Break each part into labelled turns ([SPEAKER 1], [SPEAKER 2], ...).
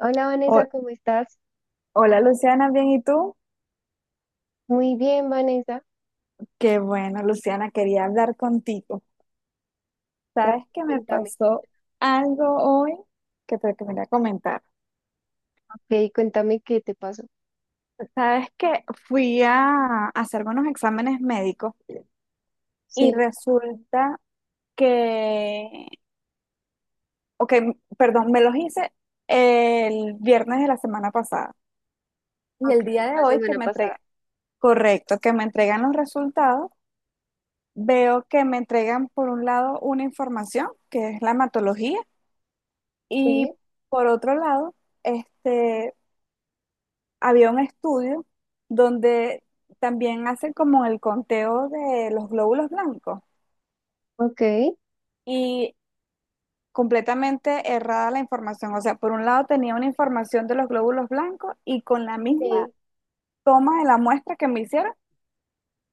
[SPEAKER 1] Hola
[SPEAKER 2] Ho-
[SPEAKER 1] Vanessa, ¿cómo estás?
[SPEAKER 2] Hola Luciana, bien, ¿y tú?
[SPEAKER 1] Muy bien, Vanessa.
[SPEAKER 2] Qué bueno, Luciana, quería hablar contigo.
[SPEAKER 1] Ya,
[SPEAKER 2] ¿Sabes que me
[SPEAKER 1] cuéntame.
[SPEAKER 2] pasó algo hoy que te quería comentar?
[SPEAKER 1] Ok, cuéntame qué te pasó.
[SPEAKER 2] Sabes que fui a hacerme unos exámenes médicos y
[SPEAKER 1] Sí,
[SPEAKER 2] resulta que, ok, perdón, me los hice el viernes de la semana pasada y
[SPEAKER 1] ok,
[SPEAKER 2] el día de
[SPEAKER 1] la
[SPEAKER 2] hoy que
[SPEAKER 1] semana
[SPEAKER 2] me
[SPEAKER 1] pasada.
[SPEAKER 2] entregan, correcto, que me entregan los resultados, veo que me entregan por un lado una información que es la hematología y
[SPEAKER 1] Sí,
[SPEAKER 2] por otro lado, este, había un estudio donde también hacen como el conteo de los glóbulos blancos
[SPEAKER 1] ok,
[SPEAKER 2] y completamente errada la información. O sea, por un lado tenía una información de los glóbulos blancos y con la misma
[SPEAKER 1] sí.
[SPEAKER 2] toma de la muestra que me hicieron,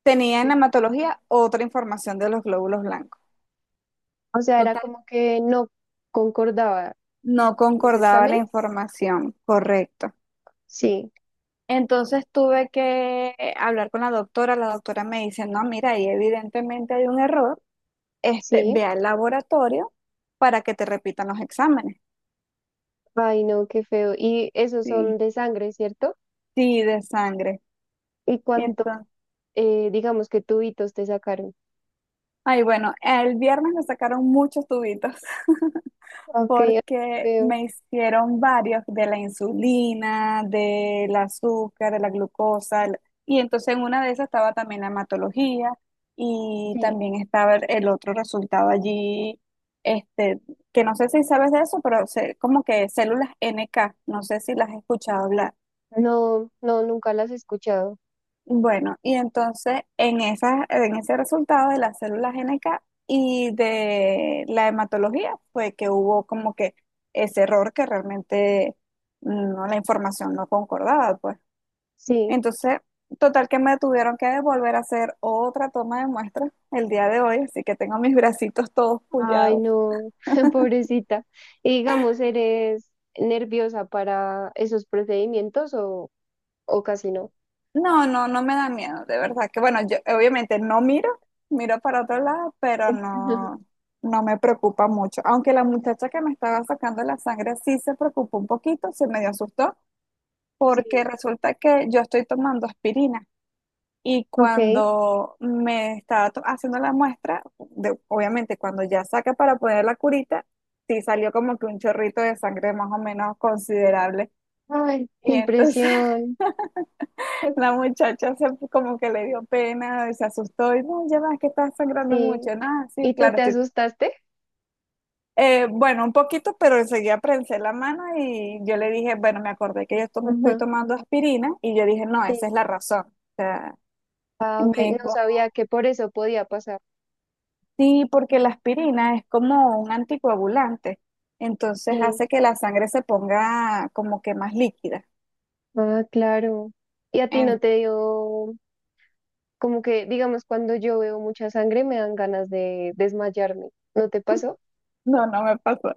[SPEAKER 2] tenía en
[SPEAKER 1] Sí.
[SPEAKER 2] hematología otra información de los glóbulos blancos.
[SPEAKER 1] O sea, era
[SPEAKER 2] Total,
[SPEAKER 1] como que no concordaba
[SPEAKER 2] no
[SPEAKER 1] los
[SPEAKER 2] concordaba la
[SPEAKER 1] exámenes.
[SPEAKER 2] información, correcto.
[SPEAKER 1] Sí,
[SPEAKER 2] Entonces tuve que hablar con la doctora. La doctora me dice, no, mira, ahí evidentemente hay un error.
[SPEAKER 1] sí.
[SPEAKER 2] Ve al laboratorio para que te repitan los exámenes.
[SPEAKER 1] Ay, no, qué feo. Y esos son
[SPEAKER 2] Sí,
[SPEAKER 1] de sangre, ¿cierto?
[SPEAKER 2] sí, de sangre.
[SPEAKER 1] ¿Y cuánto,
[SPEAKER 2] Entonces,
[SPEAKER 1] digamos que tubitos te sacaron?
[SPEAKER 2] ay, bueno, el viernes me sacaron muchos tubitos,
[SPEAKER 1] Ok,
[SPEAKER 2] porque
[SPEAKER 1] feo.
[SPEAKER 2] me hicieron varios de la insulina, del azúcar, de la glucosa, y entonces en una de esas estaba también la hematología y
[SPEAKER 1] Sí.
[SPEAKER 2] también estaba el otro resultado allí, este, que no sé si sabes de eso, pero como que células NK, no sé si las has escuchado hablar.
[SPEAKER 1] No, no, nunca las he escuchado.
[SPEAKER 2] Bueno, y entonces en en ese resultado de las células NK y de la hematología fue que hubo como que ese error que realmente no, la información no concordaba, pues.
[SPEAKER 1] Sí.
[SPEAKER 2] Entonces, total que me tuvieron que volver a hacer otra toma de muestra el día de hoy, así que tengo mis bracitos todos
[SPEAKER 1] Ay,
[SPEAKER 2] pullados.
[SPEAKER 1] no, pobrecita. Y digamos, ¿eres nerviosa para esos procedimientos o casi no?
[SPEAKER 2] No, no, no me da miedo, de verdad que bueno, yo obviamente no miro, miro para otro lado, pero no, no me preocupa mucho. Aunque la muchacha que me estaba sacando la sangre sí se preocupó un poquito, se medio asustó, porque
[SPEAKER 1] Sí.
[SPEAKER 2] resulta que yo estoy tomando aspirina y
[SPEAKER 1] Ok.
[SPEAKER 2] cuando me estaba haciendo la muestra, obviamente cuando ya saca para poner la curita, sí salió como que un chorrito de sangre más o menos considerable.
[SPEAKER 1] Ay, qué
[SPEAKER 2] Y entonces
[SPEAKER 1] impresión.
[SPEAKER 2] la muchacha se, como que le dio pena, se asustó y no, ya ves que estás sangrando
[SPEAKER 1] Sí.
[SPEAKER 2] mucho. Nada, sí,
[SPEAKER 1] ¿Y tú
[SPEAKER 2] claro,
[SPEAKER 1] te
[SPEAKER 2] estoy.
[SPEAKER 1] asustaste?
[SPEAKER 2] Bueno, un poquito, pero enseguida prensé la mano y yo le dije, bueno, me acordé que yo estoy
[SPEAKER 1] Ajá.
[SPEAKER 2] tomando aspirina y yo dije, no,
[SPEAKER 1] Sí.
[SPEAKER 2] esa es la razón. O sea,
[SPEAKER 1] Ah,
[SPEAKER 2] y me
[SPEAKER 1] ok. No
[SPEAKER 2] dijo,
[SPEAKER 1] sabía que por eso podía pasar.
[SPEAKER 2] sí, porque la aspirina es como un anticoagulante, entonces
[SPEAKER 1] Sí.
[SPEAKER 2] hace que la sangre se ponga como que más líquida.
[SPEAKER 1] Ah, claro. ¿Y a ti no
[SPEAKER 2] En-
[SPEAKER 1] te dio, como que, digamos, cuando yo veo mucha sangre me dan ganas de desmayarme? ¿No te pasó?
[SPEAKER 2] no, no me pasó.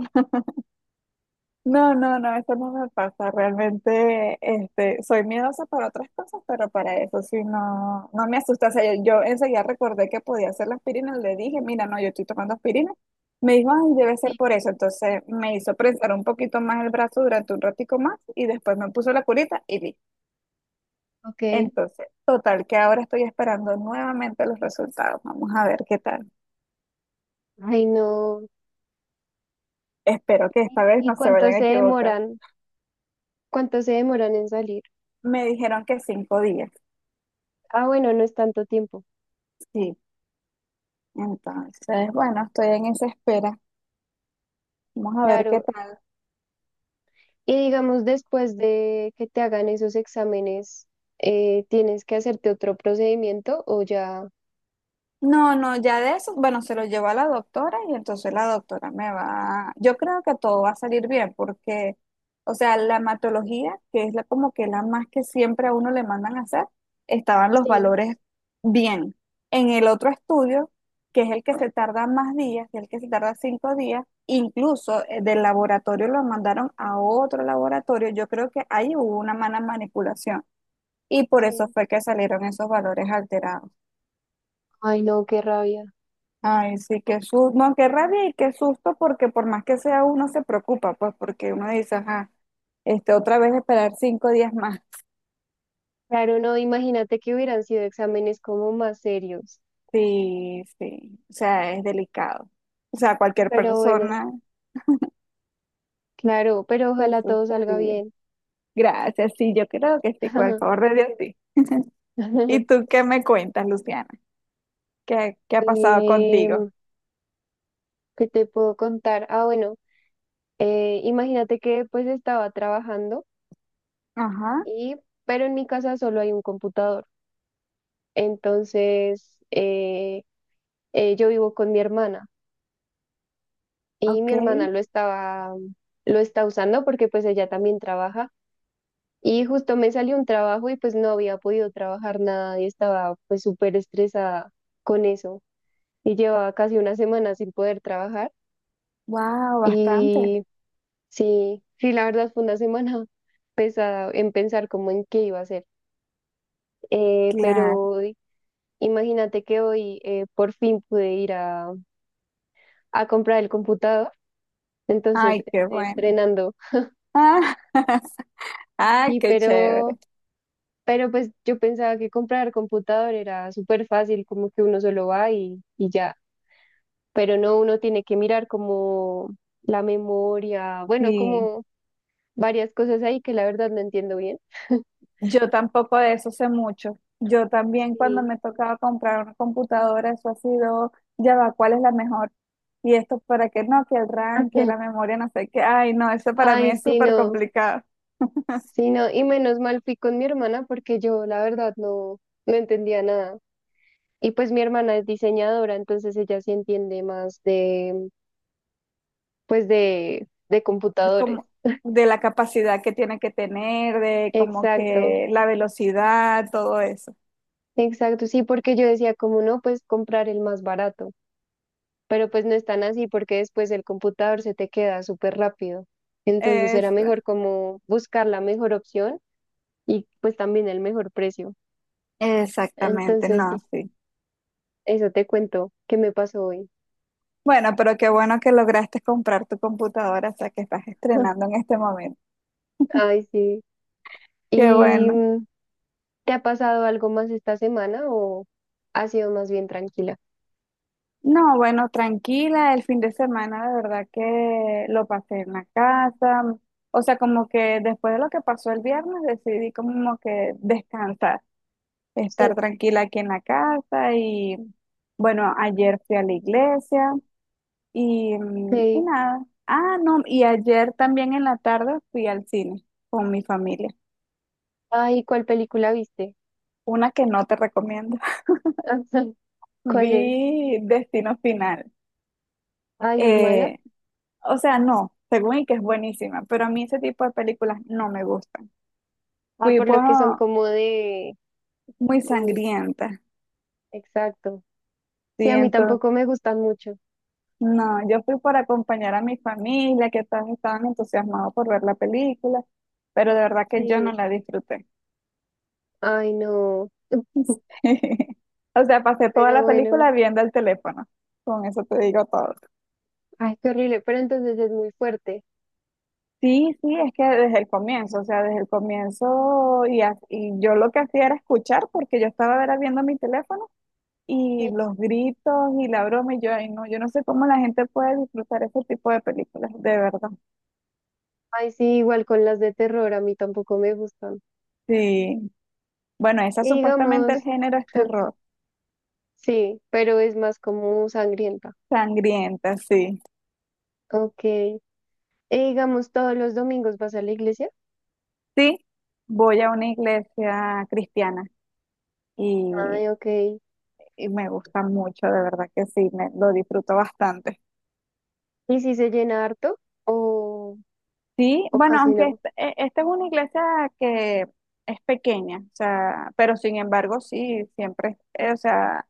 [SPEAKER 2] No, no, no, eso no me pasa. Realmente, soy miedosa para otras cosas, pero para eso sí no, no me asusta. O sea, yo, enseguida recordé que podía hacer la aspirina, le dije, mira, no, yo estoy tomando aspirina. Me dijo, ay, debe ser
[SPEAKER 1] Sí.
[SPEAKER 2] por eso. Entonces me hizo prensar un poquito más el brazo durante un ratico más y después me puso la curita y vi.
[SPEAKER 1] Ok.
[SPEAKER 2] Entonces, total, que ahora estoy esperando nuevamente los resultados. Vamos a ver qué tal.
[SPEAKER 1] Ay, no.
[SPEAKER 2] Espero que esta vez
[SPEAKER 1] ¿Y
[SPEAKER 2] no se
[SPEAKER 1] cuánto
[SPEAKER 2] vayan a
[SPEAKER 1] se
[SPEAKER 2] equivocar.
[SPEAKER 1] demoran? ¿Cuánto se demoran en salir?
[SPEAKER 2] Me dijeron que 5 días.
[SPEAKER 1] Ah, bueno, no es tanto tiempo.
[SPEAKER 2] Sí, entonces, bueno, estoy en esa espera. Vamos a ver qué
[SPEAKER 1] Claro.
[SPEAKER 2] tal.
[SPEAKER 1] Y digamos, después de que te hagan esos exámenes, ¿tienes que hacerte otro procedimiento o ya?
[SPEAKER 2] No, no, ya de eso, bueno, se lo llevo a la doctora y entonces la doctora me va, yo creo que todo va a salir bien porque, o sea, la hematología, que es la, como que la más que siempre a uno le mandan a hacer, estaban los
[SPEAKER 1] Sí,
[SPEAKER 2] valores bien. En el otro estudio, que es el que se tarda más días, que es el que se tarda 5 días, incluso del laboratorio lo mandaron a otro laboratorio, yo creo que ahí hubo una mala manipulación. Y por eso
[SPEAKER 1] sí.
[SPEAKER 2] fue que salieron esos valores alterados.
[SPEAKER 1] Ay, no, qué rabia.
[SPEAKER 2] Ay, sí, qué susto, no, qué rabia y qué susto, porque por más que sea uno se preocupa, pues porque uno dice, ajá, otra vez esperar 5 días más.
[SPEAKER 1] Claro, no, imagínate que hubieran sido exámenes como más serios.
[SPEAKER 2] Sí, sí, o sea, es delicado. O sea, cualquier
[SPEAKER 1] Pero bueno,
[SPEAKER 2] persona
[SPEAKER 1] claro, pero
[SPEAKER 2] se
[SPEAKER 1] ojalá todo salga
[SPEAKER 2] asustaría.
[SPEAKER 1] bien.
[SPEAKER 2] Gracias, sí, yo creo que sí, por el favor de Dios, sí. ¿Y tú qué me cuentas, Luciana? ¿Qué, qué ha pasado contigo?
[SPEAKER 1] Em, ¿qué te puedo contar? Ah, bueno, imagínate que pues estaba trabajando.
[SPEAKER 2] Ajá,
[SPEAKER 1] Y, pero en mi casa solo hay un computador. Entonces, yo vivo con mi hermana y mi
[SPEAKER 2] ok,
[SPEAKER 1] hermana lo está usando porque pues ella también trabaja. Y justo me salió un trabajo y pues no había podido trabajar nada y estaba pues súper estresada con eso. Y llevaba casi una semana sin poder trabajar.
[SPEAKER 2] wow, bastante,
[SPEAKER 1] Y sí, sí, la verdad fue una semana pesada en pensar cómo en qué iba a hacer.
[SPEAKER 2] claro.
[SPEAKER 1] Pero imagínate que hoy por fin pude ir a comprar el computador, entonces
[SPEAKER 2] Ay, qué
[SPEAKER 1] estoy
[SPEAKER 2] bueno.
[SPEAKER 1] estrenando.
[SPEAKER 2] Ah, ah,
[SPEAKER 1] Sí,
[SPEAKER 2] qué chévere.
[SPEAKER 1] pero pues yo pensaba que comprar computador era súper fácil, como que uno solo va y ya. Pero no, uno tiene que mirar como la memoria, bueno,
[SPEAKER 2] Sí,
[SPEAKER 1] como varias cosas ahí que la verdad no entiendo bien.
[SPEAKER 2] yo tampoco de eso sé mucho. Yo también cuando
[SPEAKER 1] Sí.
[SPEAKER 2] me tocaba comprar una computadora, eso ha sido, ya va, ¿cuál es la mejor? Y esto para qué no, que el RAM, que la memoria, no sé qué. Ay, no, eso para mí
[SPEAKER 1] Ay,
[SPEAKER 2] es
[SPEAKER 1] sí,
[SPEAKER 2] súper
[SPEAKER 1] no,
[SPEAKER 2] complicado.
[SPEAKER 1] sí, no. Y menos mal fui con mi hermana porque yo la verdad no, no entendía nada. Y pues mi hermana es diseñadora, entonces ella sí entiende más de, pues de computadores.
[SPEAKER 2] Como de la capacidad que tiene que tener, de como
[SPEAKER 1] Exacto,
[SPEAKER 2] que la velocidad, todo eso.
[SPEAKER 1] exacto, sí, porque yo decía, como no, pues comprar el más barato, pero pues no es tan así porque después el computador se te queda súper rápido. Entonces era
[SPEAKER 2] Es,
[SPEAKER 1] mejor como buscar la mejor opción y pues también el mejor precio.
[SPEAKER 2] exactamente,
[SPEAKER 1] Entonces,
[SPEAKER 2] no,
[SPEAKER 1] sí,
[SPEAKER 2] sí.
[SPEAKER 1] eso te cuento que me pasó hoy.
[SPEAKER 2] Bueno, pero qué bueno que lograste comprar tu computadora, o sea que estás estrenando en este momento.
[SPEAKER 1] Ay, sí.
[SPEAKER 2] Qué
[SPEAKER 1] Y
[SPEAKER 2] bueno.
[SPEAKER 1] ¿te ha pasado algo más esta semana o ha sido más bien tranquila?
[SPEAKER 2] No, bueno, tranquila, el fin de semana de verdad que lo pasé en la casa. O sea, como que después de lo que pasó el viernes decidí como que descansar, estar
[SPEAKER 1] Sí.
[SPEAKER 2] tranquila aquí en la casa y bueno, ayer fui a la iglesia y, y
[SPEAKER 1] Sí.
[SPEAKER 2] nada. Ah, no, y ayer también en la tarde fui al cine con mi familia,
[SPEAKER 1] Ay, ¿cuál película viste?
[SPEAKER 2] una que no te recomiendo.
[SPEAKER 1] Ajá. ¿Cuál es?
[SPEAKER 2] Vi Destino Final.
[SPEAKER 1] Ay, ¿es mala?
[SPEAKER 2] Eh, o sea, no, según y que es buenísima, pero a mí ese tipo de películas no me gustan.
[SPEAKER 1] Ah,
[SPEAKER 2] Fui
[SPEAKER 1] por lo
[SPEAKER 2] por
[SPEAKER 1] que son como de...
[SPEAKER 2] muy
[SPEAKER 1] Como...
[SPEAKER 2] sangrienta,
[SPEAKER 1] Exacto.
[SPEAKER 2] ¿sí?
[SPEAKER 1] Sí, a mí
[SPEAKER 2] Entonces,
[SPEAKER 1] tampoco me gustan mucho.
[SPEAKER 2] no, yo fui por acompañar a mi familia, que todos estaban entusiasmados por ver la película, pero de verdad que yo no
[SPEAKER 1] Sí.
[SPEAKER 2] la disfruté.
[SPEAKER 1] Ay, no.
[SPEAKER 2] Sí. O sea, pasé toda
[SPEAKER 1] Pero
[SPEAKER 2] la
[SPEAKER 1] bueno.
[SPEAKER 2] película viendo el teléfono. Con eso te digo todo.
[SPEAKER 1] Ay, qué horrible. Pero entonces es muy fuerte.
[SPEAKER 2] Sí, sí, es que desde el comienzo, o sea, desde el comienzo y yo lo que hacía era escuchar porque yo estaba era viendo mi teléfono y
[SPEAKER 1] Sí.
[SPEAKER 2] los gritos y la broma y yo, ay, no, yo no sé cómo la gente puede disfrutar ese tipo de películas, de verdad.
[SPEAKER 1] Ay, sí, igual con las de terror, a mí tampoco me gustan.
[SPEAKER 2] Sí. Bueno, esa
[SPEAKER 1] Y
[SPEAKER 2] supuestamente el
[SPEAKER 1] digamos,
[SPEAKER 2] género es terror,
[SPEAKER 1] sí, pero es más como sangrienta.
[SPEAKER 2] sangrienta, sí.
[SPEAKER 1] Ok. Digamos, todos los domingos vas a la iglesia.
[SPEAKER 2] Sí, voy a una iglesia cristiana y,
[SPEAKER 1] Ay, ok.
[SPEAKER 2] y me gusta mucho, de verdad que sí, me, lo disfruto bastante.
[SPEAKER 1] ¿Y si se llena harto o,
[SPEAKER 2] Sí,
[SPEAKER 1] o
[SPEAKER 2] bueno,
[SPEAKER 1] casi
[SPEAKER 2] aunque
[SPEAKER 1] no?
[SPEAKER 2] esta es una iglesia que es pequeña, o sea, pero sin embargo, sí, siempre, o sea,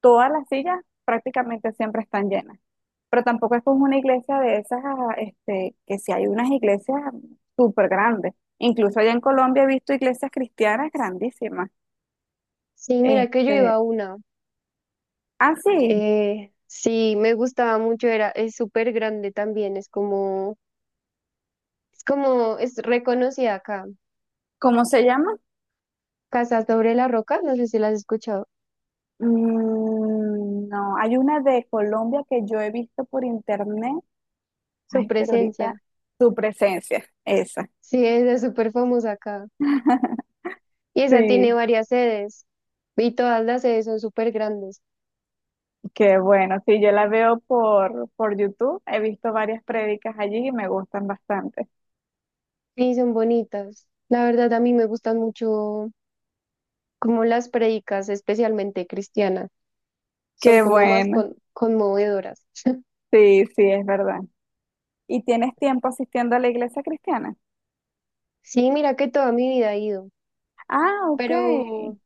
[SPEAKER 2] todas las sillas prácticamente siempre están llenas. Pero tampoco es como una iglesia de esas, ah, que si hay unas iglesias súper grandes. Incluso allá en Colombia he visto iglesias cristianas grandísimas.
[SPEAKER 1] Sí, mira que yo iba
[SPEAKER 2] Este,
[SPEAKER 1] a una.
[SPEAKER 2] ah, sí,
[SPEAKER 1] Sí, me gustaba mucho, era, es súper grande también, es como, es como, es reconocida acá.
[SPEAKER 2] ¿cómo se llama?
[SPEAKER 1] Casa sobre la Roca, no sé si la has escuchado.
[SPEAKER 2] Mm, no, hay una de Colombia que yo he visto por internet.
[SPEAKER 1] Su
[SPEAKER 2] Ay, pero ahorita
[SPEAKER 1] presencia.
[SPEAKER 2] tu presencia, esa.
[SPEAKER 1] Sí, esa es súper famosa acá. Y esa tiene
[SPEAKER 2] Sí,
[SPEAKER 1] varias sedes. Y todas las sedes son súper grandes.
[SPEAKER 2] qué bueno. Sí, yo la veo por YouTube. He visto varias prédicas allí y me gustan bastante.
[SPEAKER 1] Y son bonitas. La verdad, a mí me gustan mucho como las predicas, especialmente cristianas, son
[SPEAKER 2] Qué
[SPEAKER 1] como más
[SPEAKER 2] bueno.
[SPEAKER 1] conmovedoras.
[SPEAKER 2] Sí, sí, es verdad. ¿Y tienes tiempo asistiendo a la iglesia cristiana?
[SPEAKER 1] Sí, mira que toda mi vida he ido,
[SPEAKER 2] Ah, ok.
[SPEAKER 1] pero,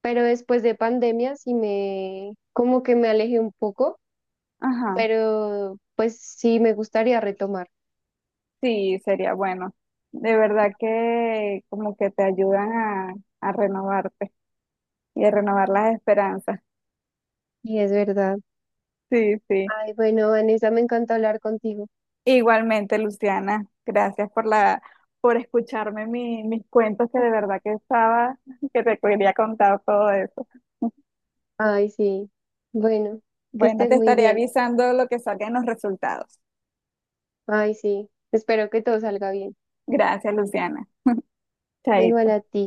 [SPEAKER 1] pero después de pandemia sí me, como que me alejé un poco,
[SPEAKER 2] Ajá.
[SPEAKER 1] pero pues sí me gustaría retomar.
[SPEAKER 2] Sí, sería bueno. De verdad que como que te ayudan a renovarte y a renovar las esperanzas.
[SPEAKER 1] Y es verdad.
[SPEAKER 2] Sí, sí.
[SPEAKER 1] Ay, bueno, Vanessa, me encanta hablar contigo.
[SPEAKER 2] Igualmente, Luciana, gracias por la, por escucharme mis cuentos que de verdad que estaba, que te quería contar todo eso.
[SPEAKER 1] Ay, sí. Bueno, que
[SPEAKER 2] Bueno,
[SPEAKER 1] estés
[SPEAKER 2] te
[SPEAKER 1] muy
[SPEAKER 2] estaré
[SPEAKER 1] bien.
[SPEAKER 2] avisando lo que salgan los resultados.
[SPEAKER 1] Ay, sí. Espero que todo salga bien.
[SPEAKER 2] Gracias, Luciana.
[SPEAKER 1] Igual a
[SPEAKER 2] Chaito.
[SPEAKER 1] ti.